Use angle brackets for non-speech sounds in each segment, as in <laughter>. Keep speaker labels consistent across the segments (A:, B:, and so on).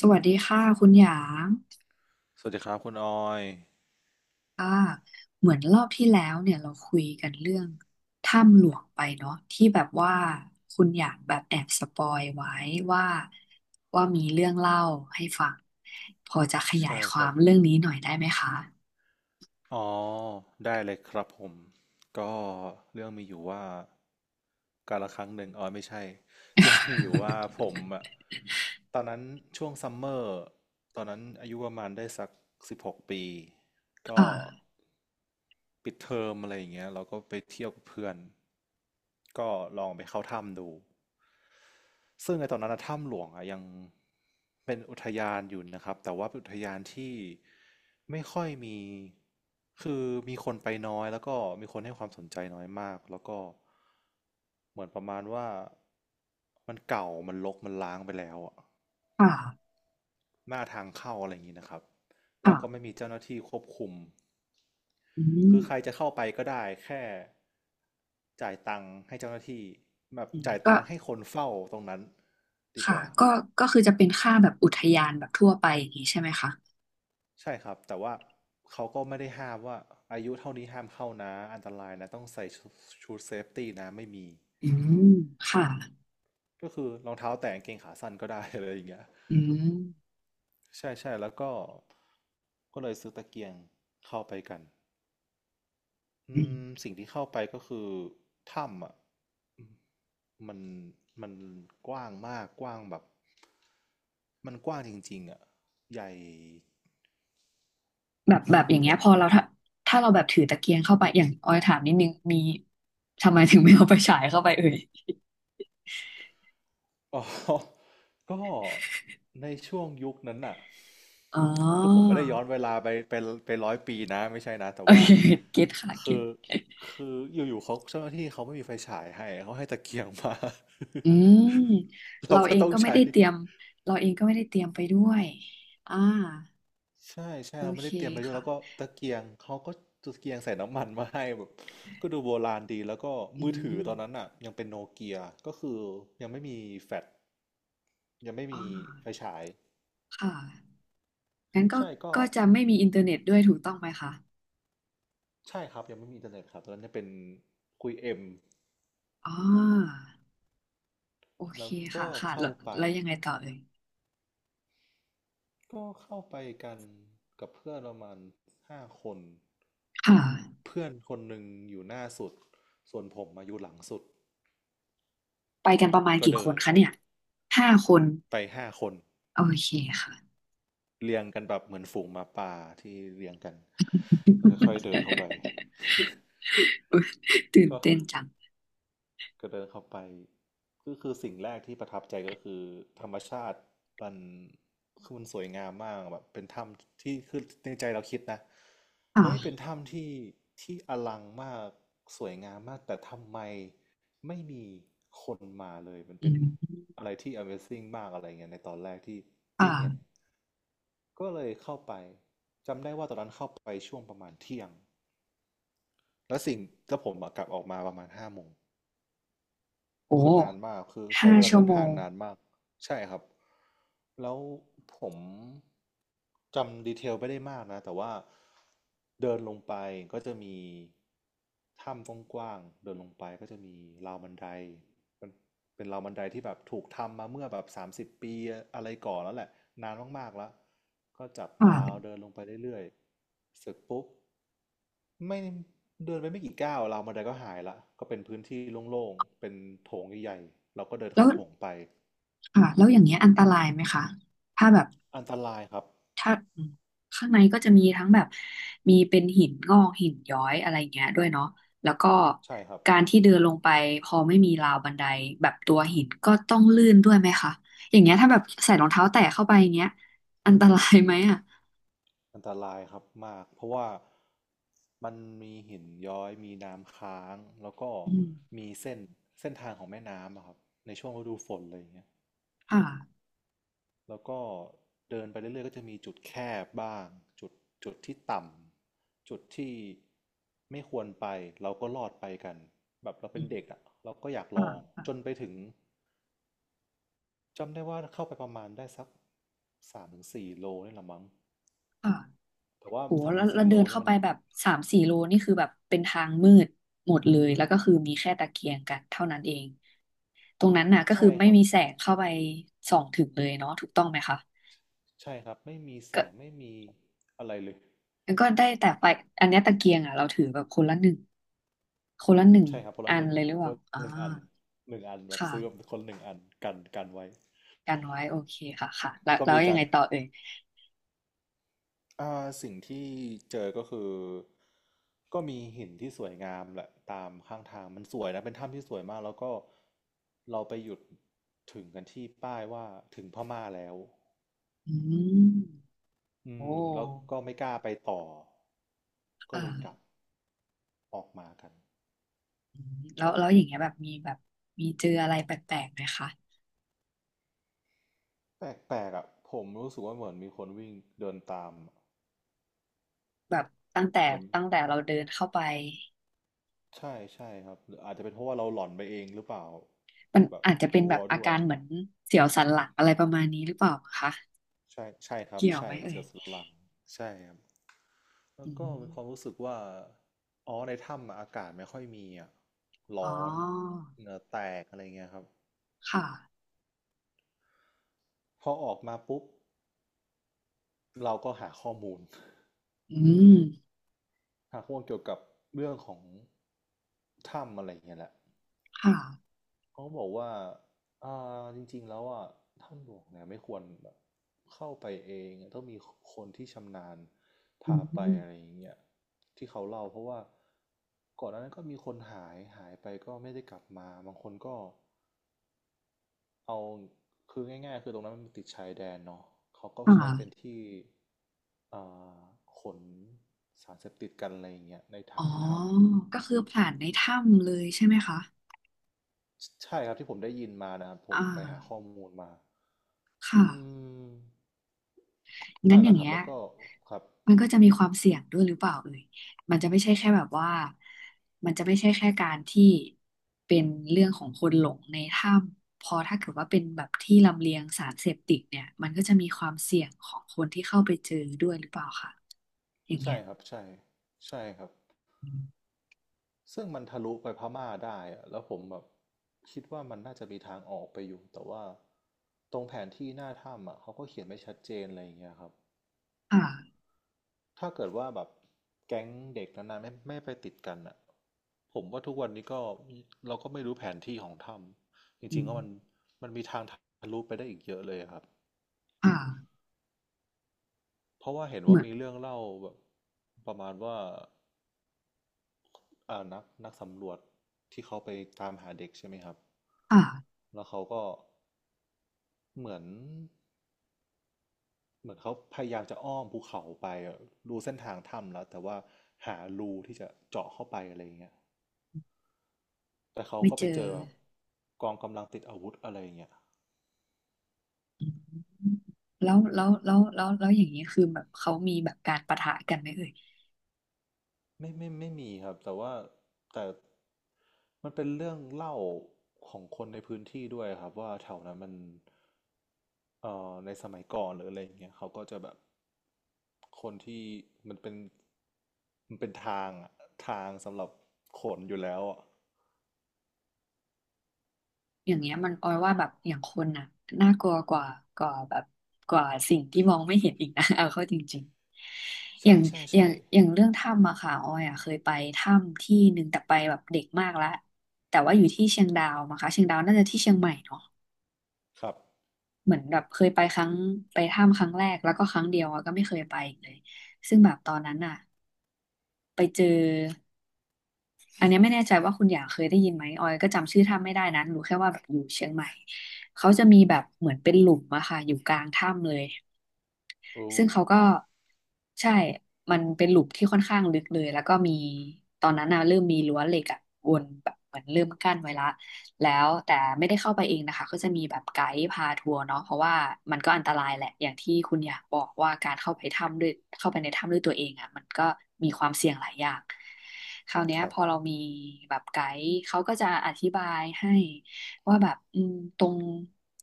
A: สวัสดีค่ะคุณหยาง
B: สวัสดีครับคุณออย
A: ค่ะเหมือนรอบที่แล้วเนี่ยเราคุยกันเรื่องถ้ำหลวงไปเนาะที่แบบว่าคุณหยางแบบแอบสปอยไว้ว่ามีเรื่องเล่าให้ฟังพอจะขยาย
B: ใช่
A: ค
B: ค
A: วา
B: รั
A: ม
B: บ
A: เรื่องนี้หน่อยได้ไหมคะ
B: อ๋อได้เลยครับผมก็เรื่องมีอยู่ว่ากาละครั้งหนึ่งอ๋อไม่ใช่เรื่องมีอยู่ว่า
A: <laughs>
B: ผมอะตอนนั้นช่วงซัมเมอร์ตอนนั้นอายุประมาณได้สัก16 ปีก็
A: ค่ะ
B: ปิดเทอมอะไรอย่างเงี้ยเราก็ไปเที่ยวกับเพื่อนก็ลองไปเข้าถ้ำดู ซึ่งไอ้ตอนนั้นนะถ้ำหลวงอะยังเป็นอุทยานอยู่นะครับแต่ว่าเป็นอุทยานที่ไม่ค่อยมีคือมีคนไปน้อยแล้วก็มีคนให้ความสนใจน้อยมากแล้วก็เหมือนประมาณว่ามันเก่ามันรกมันล้างไปแล้วอะ
A: ค่ะ
B: หน้าทางเข้าอะไรอย่างนี้นะครับแล้วก็ไม่
A: ค่ะ
B: มีเจ้าหน้าที่ควบคุม
A: อืม
B: คือใครจะเข้าไปก็ได้แค่จ่ายตังค์ให้เจ้าหน้าที่แบบ
A: อืม
B: จ่ายตังค์ให้คนเฝ้าตรงนั้นดีก
A: ค่ะ
B: ว่า
A: ก็ก็คือจะเป็นค่าแบบอุทยานแบบทั่วไปอย่างนี้ใช่ไหมคะ
B: ใช่ครับแต่ว่าเขาก็ไม่ได้ห้ามว่าอายุเท่านี้ห้ามเข้านะอันตรายนะต้องใส่ชดเซฟตี้นะไม่มี
A: อืมค่ะ
B: ก็คือรองเท้าแตะกางเกงขาสั้นก็ได้อะไรอย่างเงี้ย
A: อืม
B: ใช่ใช่แล้วก็ก็เลยซื้อตะเกียงเข้าไปกันอื
A: อื
B: ม
A: ม
B: สิ่งที่เข้าไปก็คือถ้ำอ่ะอืมมันมันกว้างมากกว้างแบบมันกว้างจริงๆอ่ะใหญ่
A: แบบอย่าง
B: ผ
A: เงี้ย
B: ม
A: พอเราถ้าเราแบบถือตะเกียงเข้าไปอย่างออยถามนิดนึงมีทำไมถึงไม่เอาไปฉายเข้าไปเอ่ย
B: อ๋อ <laughs> ก็ในช่วงยุคนั้นน่ะ
A: อ๋อ
B: คือผมไม่ได้ย้อนเวลาไปไป100 ปีนะไม่ใช่นะ
A: <laughs>
B: แต่
A: โอ
B: ว่า
A: เคเก็ตค่ะเก็
B: คือ
A: ต
B: คืออยู่ๆเขาเจ้าหน้าที่เขาไม่มีไฟฉายให้เขาให้ตะเกียงมา
A: อืม
B: <laughs> เรา
A: เรา
B: ก็
A: เอง
B: ต้อง
A: ก็ไม่
B: ใช้
A: ได้เตรียมเราเองก็ไม่ได้เตรียมไปด้วยอ่า
B: ใช่ใช่
A: โอ
B: เราไม่
A: เค
B: ได้เตรียมไปด้วย
A: ค่ะ
B: แล้วก็ตะเกียงใส่น้ำมันมาให้แบบก็ดูโบราณดีแล้วก็
A: อื
B: มือถือ
A: ม
B: ตอนนั้นอ่ะยังเป็นโนเกียก็คือยังไม่มีแฟลชยังไม่
A: อ่
B: มีไฟ
A: า
B: ฉาย
A: ค่ะงั้นก็
B: ใช่ก็
A: ก็จะไม่มีอินเทอร์เน็ตด้วยถูกต้องไหมคะ
B: ใช่ครับยังไม่มีอินเทอร์เน็ตครับตอนนั้นจะเป็นคุยเอ็ม
A: อ๋อโอเค
B: แล้วก็
A: ค่ะค่ะแล้
B: เข้า
A: ว
B: ไป
A: ยังไงต่อเอ่ย
B: ก็เข้าไปกันกับเพื่อนประมาณห้าคน
A: ค่ะ
B: เพื่อนคนหนึ่งอยู่หน้าสุดส่วนผมมาอยู่หลังสุด
A: ไปกันประมาณ
B: ก็
A: กี่ค
B: เดิ
A: นคะ
B: น
A: เนี่ย ห้าคน
B: ไปห้าคน
A: โอเคค่ะ
B: เรียงกันแบบเหมือนฝูงหมาป่าที่เรียงกันก็ค่อยๆเดินเข้าไป
A: <laughs> อุ๊ยตื่น
B: ก็
A: เต้นจัง
B: ก็เดินเข้าไปก็คือสิ่งแรกที่ประทับใจก็คือธรรมชาติมันคือมันสวยงามมากแบบเป็นถ้ำที่คือในใจเราคิดนะเฮ้ยเป็น
A: อ่า
B: ถ้ำที่อลังมากสวยงามมากแต่ทำไมไม่มีคนมาเลยมัน
A: อื
B: เป็น
A: ม
B: อะไรที่ Amazing มากอะไรเงี้ยในตอนแรกที่
A: อ่า
B: ที่เห็นก็เลยเข้าไปจำได้ว่าตอนนั้นเข้าไปช่วงประมาณเที่ยงแล้วสิ่งแล้วผมอะกลับออกมาประมาณ5 โมง
A: โอ้
B: คือนานมากคือใช้
A: ห้า
B: เวลา
A: ชั่ว
B: เดิน
A: โม
B: ทาง
A: ง
B: นานมากใช่ครับแล้วผมจำดีเทลไม่ได้มากนะแต่ว่าเดินลงไปก็จะมีถ้ำกว้างๆเดินลงไปก็จะมีราวบันไดั เป็นราวบันไดที่แบบถูกทำมาเมื่อแบบ30 ปีอะไรก่อนแล้วแหละนานมากๆแล้วก็จับราว
A: อ่า
B: เดินลงไปเรื่อยๆเสร็จปุ๊บไม่เดินไปไม่กี่ก้าวราวบันไดก็หายละก็เป็นพื้นที่โล่งๆเป็นโถงใหญ่ๆเราก็เดิน
A: แล้
B: เข้า
A: ว
B: โถงไป
A: อ่า แล้วอย่างเงี้ยอันตรายไหมคะ ถ้าแบบ
B: อันตรายครับ
A: ถ้าข้างในก็จะมีทั้งแบบมีเป็นหินงอกหินย้อยอะไรเงี้ยด้วยเนาะแล้วก็
B: ใช่ครับ
A: การที่เดินลงไปพอไม่มีราวบันไดแบบตัวหินก็ต้องลื่นด้วยไหมคะอย่างเงี้ยถ้าแบบใส่รองเท้าแตะเข้าไปอย่างเงี้ยอันตรายไหมอ่ะ
B: อันตรายครับมากเพราะว่ามันมีหินย้อยมีน้ำค้างแล้วก็
A: อืม
B: มีเส้นเส้นทางของแม่น้ำอะครับในช่วงฤดูฝนอะไรอย่างเงี้ย
A: ค่ะ
B: แล้วก็เดินไปเรื่อยๆก็จะมีจุดแคบบ้างจุดจุดที่ต่ำจุดที่ไม่ควรไปเราก็รอดไปกันแบบเรา
A: อื
B: เป็น
A: ม
B: เด็กอ่ะเราก็อยากล
A: ค่
B: องจน
A: ะ
B: ไปถึงจำได้ว่าเข้าไปประมาณได้สักสามถึงสี่โลนี่แหละมั้ง
A: ค่ะ
B: แต่ว่า
A: โห
B: สาม
A: แล้ว
B: ถึงสี่โล
A: เดิน
B: นี่
A: เข้า
B: มั
A: ไป
B: น
A: แบบ3-4 โลนี่คือแบบเป็นทางมืดหมดเลยแล้วก็คือมีแค่ตะเกียงกันเท่านั้นเองตรงนั้นน่ะก็คือ
B: ใช่ค
A: ไม่
B: รับ
A: มีแสงเข้าไปส่องถึงเลยเนาะถูกต้องไหมคะ
B: ใช่ครับไม่มีแส
A: ก็
B: งไม่มีอะไรเลย
A: ได้แต่ไฟอันเนี้ยตะเกียงอ่ะเราถือแบบคนละหนึ่งคนละหนึ่ง
B: ใช่ครับ
A: อันเลยหรือ
B: ค
A: เป
B: น
A: ล่า
B: ละ
A: อ่า
B: หนึ่งอันหนึ่งอันแบบซื้อแบบ
A: ค่ะ
B: คนหนึ่งอันกันไว้
A: กันไว้โอเคค่ะค่ะแล้ว
B: ก็มี
A: ยั
B: กา
A: ง
B: ร
A: ไงต่อเอ่ย
B: อ่าสิ่งที่เจอก็คือก็มีหินที่สวยงามแหละตามข้างทางมันสวยนะเป็นถ้ำที่สวยมากแล้วก็เราไปหยุดถึงกันที่ป้ายว่าถึงพม่าแล้ว
A: อืม
B: อื
A: โอ้
B: มแล้วก็ไม่กล้าไปต่อก็เลยกลับ
A: ค่ะ
B: ออกมากัน
A: อืมแล้วอย่างเงี้ยแบบมีเจออะไรแปลกๆไหมคะ
B: แปลกๆอ่ะผมรู้สึกว่าเหมือนมีคนวิ่งเดินตามอะ
A: แบบตั้งแต่
B: เหมือน
A: เราเดินเข้าไป
B: ใช่ใช่ครับหรืออาจจะเป็นเพราะว่าเราหลอนไปเองหรือเปล่า
A: มัน
B: แบบ
A: อาจจะเป็
B: ก
A: น
B: ลั
A: แบ
B: ว
A: บอา
B: ด้วย
A: การเหมือนเสียวสันหลังอะไรประมาณนี้หรือเปล่าคะ
B: ใช่ใช่ครับ
A: เกี่ยว
B: ใช่
A: ไหมเอ่
B: เสื
A: ย
B: อสลังใช่ครับ แล้
A: อื
B: วก็มีความ
A: ม
B: รู้สึกว่าอ๋อในถ้ำอะอากาศไม่ค่อยมีอ่ะ
A: อ๋
B: ร้
A: อ
B: อนเหงื่อแตกอะไรเงี้ยครับ
A: ค่ะ
B: พอออกมาปุ๊บเราก็หาข้อมูล
A: อืม
B: <laughs> หาข้อมูลเกี่ยวกับเรื่องของถ้ำอะไรเงี้ยแหละ
A: ค่ะ
B: เขาบอกว่าอ่า จริงๆ แล้วอ่ะถ้ำหลวงเนี่ยไม่ควรแบบเข้าไปเองต้องมีคนที่ชำนาญ
A: อื
B: พาไป
A: ม
B: อะไรอย่างเงี้ยที่เขาเล่าเพราะว่าก่อนหน้านั้นก็มีคนหายไปก็ไม่ได้กลับมาบางคนก็ เอาคือง่ายๆคือตรงนั้นมันติดชายแดนเนาะเขาก็ใช้เป็น
A: ค่ะ
B: ที่อ่าขนสารเสพติดกันอะไรอย่างเงี้ยใน
A: อ๋อ
B: ทางถ้ำ
A: ก็คือผ่านในถ้ำเลยใช่ไหมคะ
B: ใช่ครับที่ผมได้ยินมานะครับผ
A: อ่
B: มไปหาข้อ
A: า
B: มูลมา
A: ค่ะ
B: อืม
A: งั้
B: นั่
A: น
B: น
A: อ
B: แห
A: ย่า
B: ละ
A: ง
B: ครั
A: เงี้
B: บ
A: ย
B: แล้วก็ครับ
A: มันก็จะมีความเสี่ยงด้วยหรือเปล่าเอ่ยมันจะไม่ใช่แค่แบบว่ามันจะไม่ใช่แค่การที่เป็นเรื่องของคนหลงในถ้ำพอถ้าเกิดว่าเป็นแบบที่ลำเลียงสารเสพติดเนี่ยมันก็จะมีความเสี่ยงของคนที่เข้าไปเจอด้วยหรือเปล่าค่ะอย่างเงี้
B: ใช่
A: ย
B: ครับใช่ใช่ครับ
A: อืม
B: ซึ่งมันทะลุไปพม่าได้อะแล้วผมแบบคิดว่ามันน่าจะมีทางออกไปอยู่แต่ว่าตรงแผนที่หน้าถ้ำอ่ะเขาก็เขียนไม่ชัดเจนอะไรอย่างเงี้ยครับ
A: อ่า
B: ถ้าเกิดว่าแบบแก๊งเด็กนานๆไม่ไปติดกันอ่ะผมว่าทุกวันนี้ก็เราก็ไม่รู้แผนที่ของถ้ำจ
A: อื
B: ริงๆ
A: ม
B: ก็มันมีทางทะลุไปได้อีกเยอะเลยอะครับ
A: อ่า
B: เพราะว่าเห็น
A: เห
B: ว่า
A: มือน
B: มีเรื่องเล่าแบบประมาณว่านักสำรวจที่เขาไปตามหาเด็กใช่ไหมครับ
A: อ่า
B: แล้วเขาก็เหมือนเขาพยายามจะอ้อมภูเขาไปอะดูเส้นทางถ้ำแล้วแต่ว่าหารูที่จะเจาะเข้าไปอะไรอย่างเงี้ย แต่เขา
A: ไม่
B: ก็
A: เจ
B: ไปเจ
A: อ
B: อแบบกองกำลังติดอาวุธอะไรอย่างเงี้ย
A: อืมแล้วอย่างนี้คือแบบเขามีแบบการปะทะกันไหมเอ่ย
B: ไม่มีครับแต่ว่าแต่มันเป็นเรื่องเล่าของคนในพื้นที่ด้วยครับว่าแถวนั้นมันในสมัยก่อนหรืออะไรอย่างเงี้ยเขาก็จะแบบคนที่มันเป็นมันเป็นทางอะทางสำหรับขนอยู่แล้วอ่ะ
A: อย่างเงี้ยมันออยว่าแบบอย่างคนน่ะน่ากลัวกว่ากว่าแบบสิ่งที่มองไม่เห็นอีกนะ <laughs> เอาเข้าจริงๆอย่า
B: ใช่
A: ง
B: ใช่ใช่
A: เรื่องถ้ำอะค่ะออยอะเคยไปถ้ำที่หนึ่งแต่ไปแบบเด็กมากละแต่ว่าอยู่ที่เชียงดาวมั้งคะเชียงดาวน่าจะที่เชียงใหม่เนาะ
B: ครับ
A: เหมือนแบบเคยไปครั้งไปถ้ำครั้งแรกแล้วก็ครั้งเดียวอะก็ไม่เคยไปอีกเลยซึ่งแบบตอนนั้นอะไปเจอ อันเนี้ยไม่แน่ใจว่าคุณอย่างเคยได้ยินไหมออยก็จำชื่อถ้ำไม่ได้นะรู้แค่ว่าแบบอยู่เชียงใหม่เขาจะมีแบบเหมือนเป็นหลุมอะค่ะอยู่กลางถ้ำเลย
B: โอ
A: ซึ่งเขาก็
B: ้
A: ใช่มันเป็นหลุมที่ค่อนข้างลึกเลยแล้วก็มีตอนนั้นน่ะเริ่มมีรั้วเหล็กอะวนแบบเหมือนเริ่มกั้นไว้ละแล้วแต่ไม่ได้เข้าไปเองนะคะก็จะมีแบบไกด์พาทัวร์เนาะเพราะว่ามันก็อันตรายแหละอย่างที่คุณอยากบอกว่าการเข้าไปถ้ำด้วยเข้าไปในถ้ำด้วยตัวเองอ่ะมันก็มีความเสี่ยงหลายอย่างคราวเนี้ย
B: ครั
A: พ
B: บ
A: อเรามีแบบไกด์เขาก็จะอธิบายให้ ว่าแบบอืมตรง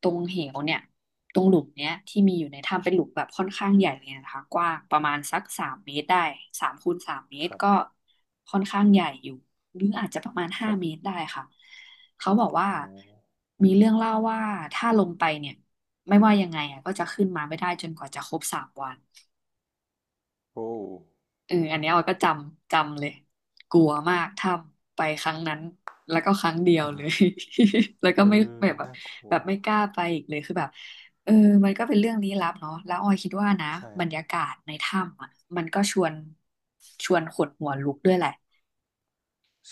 A: เหวเนี่ยตรงหลุมเนี้ยที่มีอยู่ในถ้ำเป็นหลุมแบบค่อนข้างใหญ่เลยนะคะกว้างประมาณสักสามเมตรได้สามคูณสามเมต
B: ค
A: ร
B: รับ
A: ก็ค่อนข้างใหญ่อยู่หรืออาจจะประมาณ
B: ค
A: ห้า
B: รับ
A: เมตรได้ค่ะเขาบอกว่า
B: โอ้
A: มีเรื่องเล่าว่าถ้าลงไปเนี่ยไม่ว่ายังไงอ่ะก็จะขึ้นมาไม่ได้จนกว่าจะครบ3 วัน
B: โอ้
A: เอออันเนี้ยออยก็จำเลยกลัวมากถ้ำไปครั้งนั้นแล้วก็ครั้งเดียวเลย <laughs> แล้วก็
B: เอ
A: ไม่
B: อ
A: แบบแบบ
B: น่ากลัว
A: แบบไม่กล้าไปอีกเลยคือแบบเออมันก็เป็นเรื่องลี้ลับเนาะแล้วออยคิดว่านะ
B: ใช่
A: บ
B: ค
A: ร
B: รับ
A: รยากาศในถ้ำอ่ะมันก็ชวนขนหัวลุกด้วยแหละ
B: ใ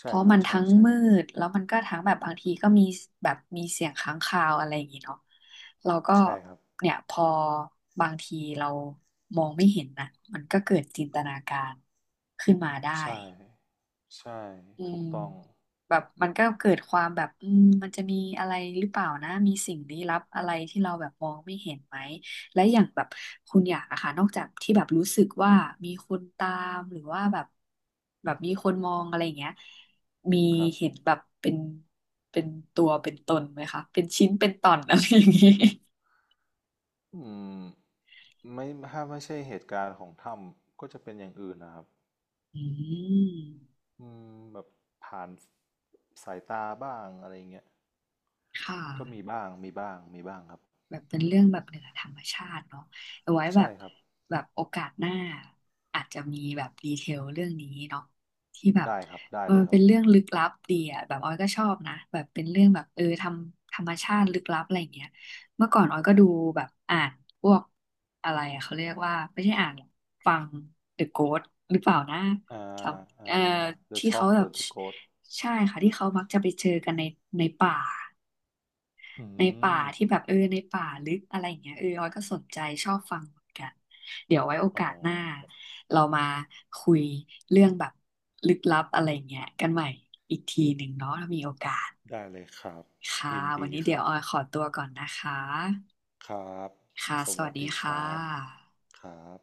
A: เพ
B: ช่
A: ราะ
B: ครั
A: มั
B: บ
A: น
B: ใช่
A: ทั้ง
B: ใช่
A: มืดแล้วมันก็ทั้งแบบบางทีก็มีแบบมีเสียงค้างคาวอะไรอย่างงี้เนาะเราก็
B: ใช่ครับ
A: เนี่ยพอบางทีเรามองไม่เห็นนะมันก็เกิดจินตนาการขึ้นมาได้
B: ใช่ใช่
A: อื
B: ถู
A: ม
B: กต้อง
A: แบบมันก็เกิดความแบบอืมมันจะมีอะไรหรือเปล่านะมีสิ่งลี้ลับอะไรที่เราแบบมองไม่เห็นไหมและอย่างแบบคุณอยากอะค่ะนอกจากที่แบบรู้สึกว่ามีคนตามหรือว่าแบบมีคนมองอะไรอย่างเงี้ยมี
B: ครับ
A: เห็นแบบเป็นตัวเป็นตนไหมคะเป็นชิ้นเป็นตอน <laughs> อะไรอย่างงี้
B: อืมไม่ถ้าไม่ใช่เหตุการณ์ของถ้ำก็จะเป็นอย่างอื่นนะครับ
A: อืม
B: อืมแบบผ่านสายตาบ้างอะไรเงี้ย
A: ค่
B: ก็มี
A: ะ
B: บ้าง มีบ้าง มีบ้างครับ
A: แบบเป็นเรื่องแบบเหนือธรรมชาติเนาะเอาไว้แบ
B: ใช่
A: บ
B: ครับ
A: แบบโอกาสหน้าอาจจะมีแบบดีเทลเรื่องนี้เนาะที่แบบ
B: ได้ครับ ได้
A: มั
B: เลย
A: น
B: ครั
A: เป็
B: บ
A: นเรื่องลึกลับดีอ่ะแบบออยก็ชอบนะแบบเป็นเรื่องแบบทำธรรมชาติลึกลับอะไรอย่างเงี้ยเมื่อก่อนออยก็ดูแบบอ่านพวกอะไรอะเขาเรียกว่าไม่ใช่อ่านหรอกฟัง The Ghost หรือเปล่านะ
B: อ่
A: จำ
B: อ่า The
A: ที่เขา
B: Shock
A: แบ
B: ห
A: บ
B: รือ The Ghost
A: ใช่ค่ะที่เขามักจะไปเจอกันในในป่า
B: อื
A: ในป่า
B: ม
A: ที่แบบในป่าลึกอะไรอย่างเงี้ยออยก็สนใจชอบฟังเหมือนกันเดี๋ยวไว้โอ
B: อ๋อ
A: กาสหน้า
B: ครับ
A: เรามาคุยเรื่องแบบลึกลับอะไรเงี้ยกันใหม่อีกทีหนึ่งเนาะถ้ามีโอกาส
B: ได้เลยครับ
A: ค่ะ
B: ยิน
A: วัน
B: ดี
A: นี้
B: ค
A: เดี๋ย
B: รั
A: ว
B: บ
A: ออยขอตัวก่อนนะคะ
B: ครับ
A: ค่ะ
B: ส
A: สวั
B: วั
A: ส
B: ส
A: ดี
B: ดีค
A: ค่
B: รับ
A: ะ
B: ครับ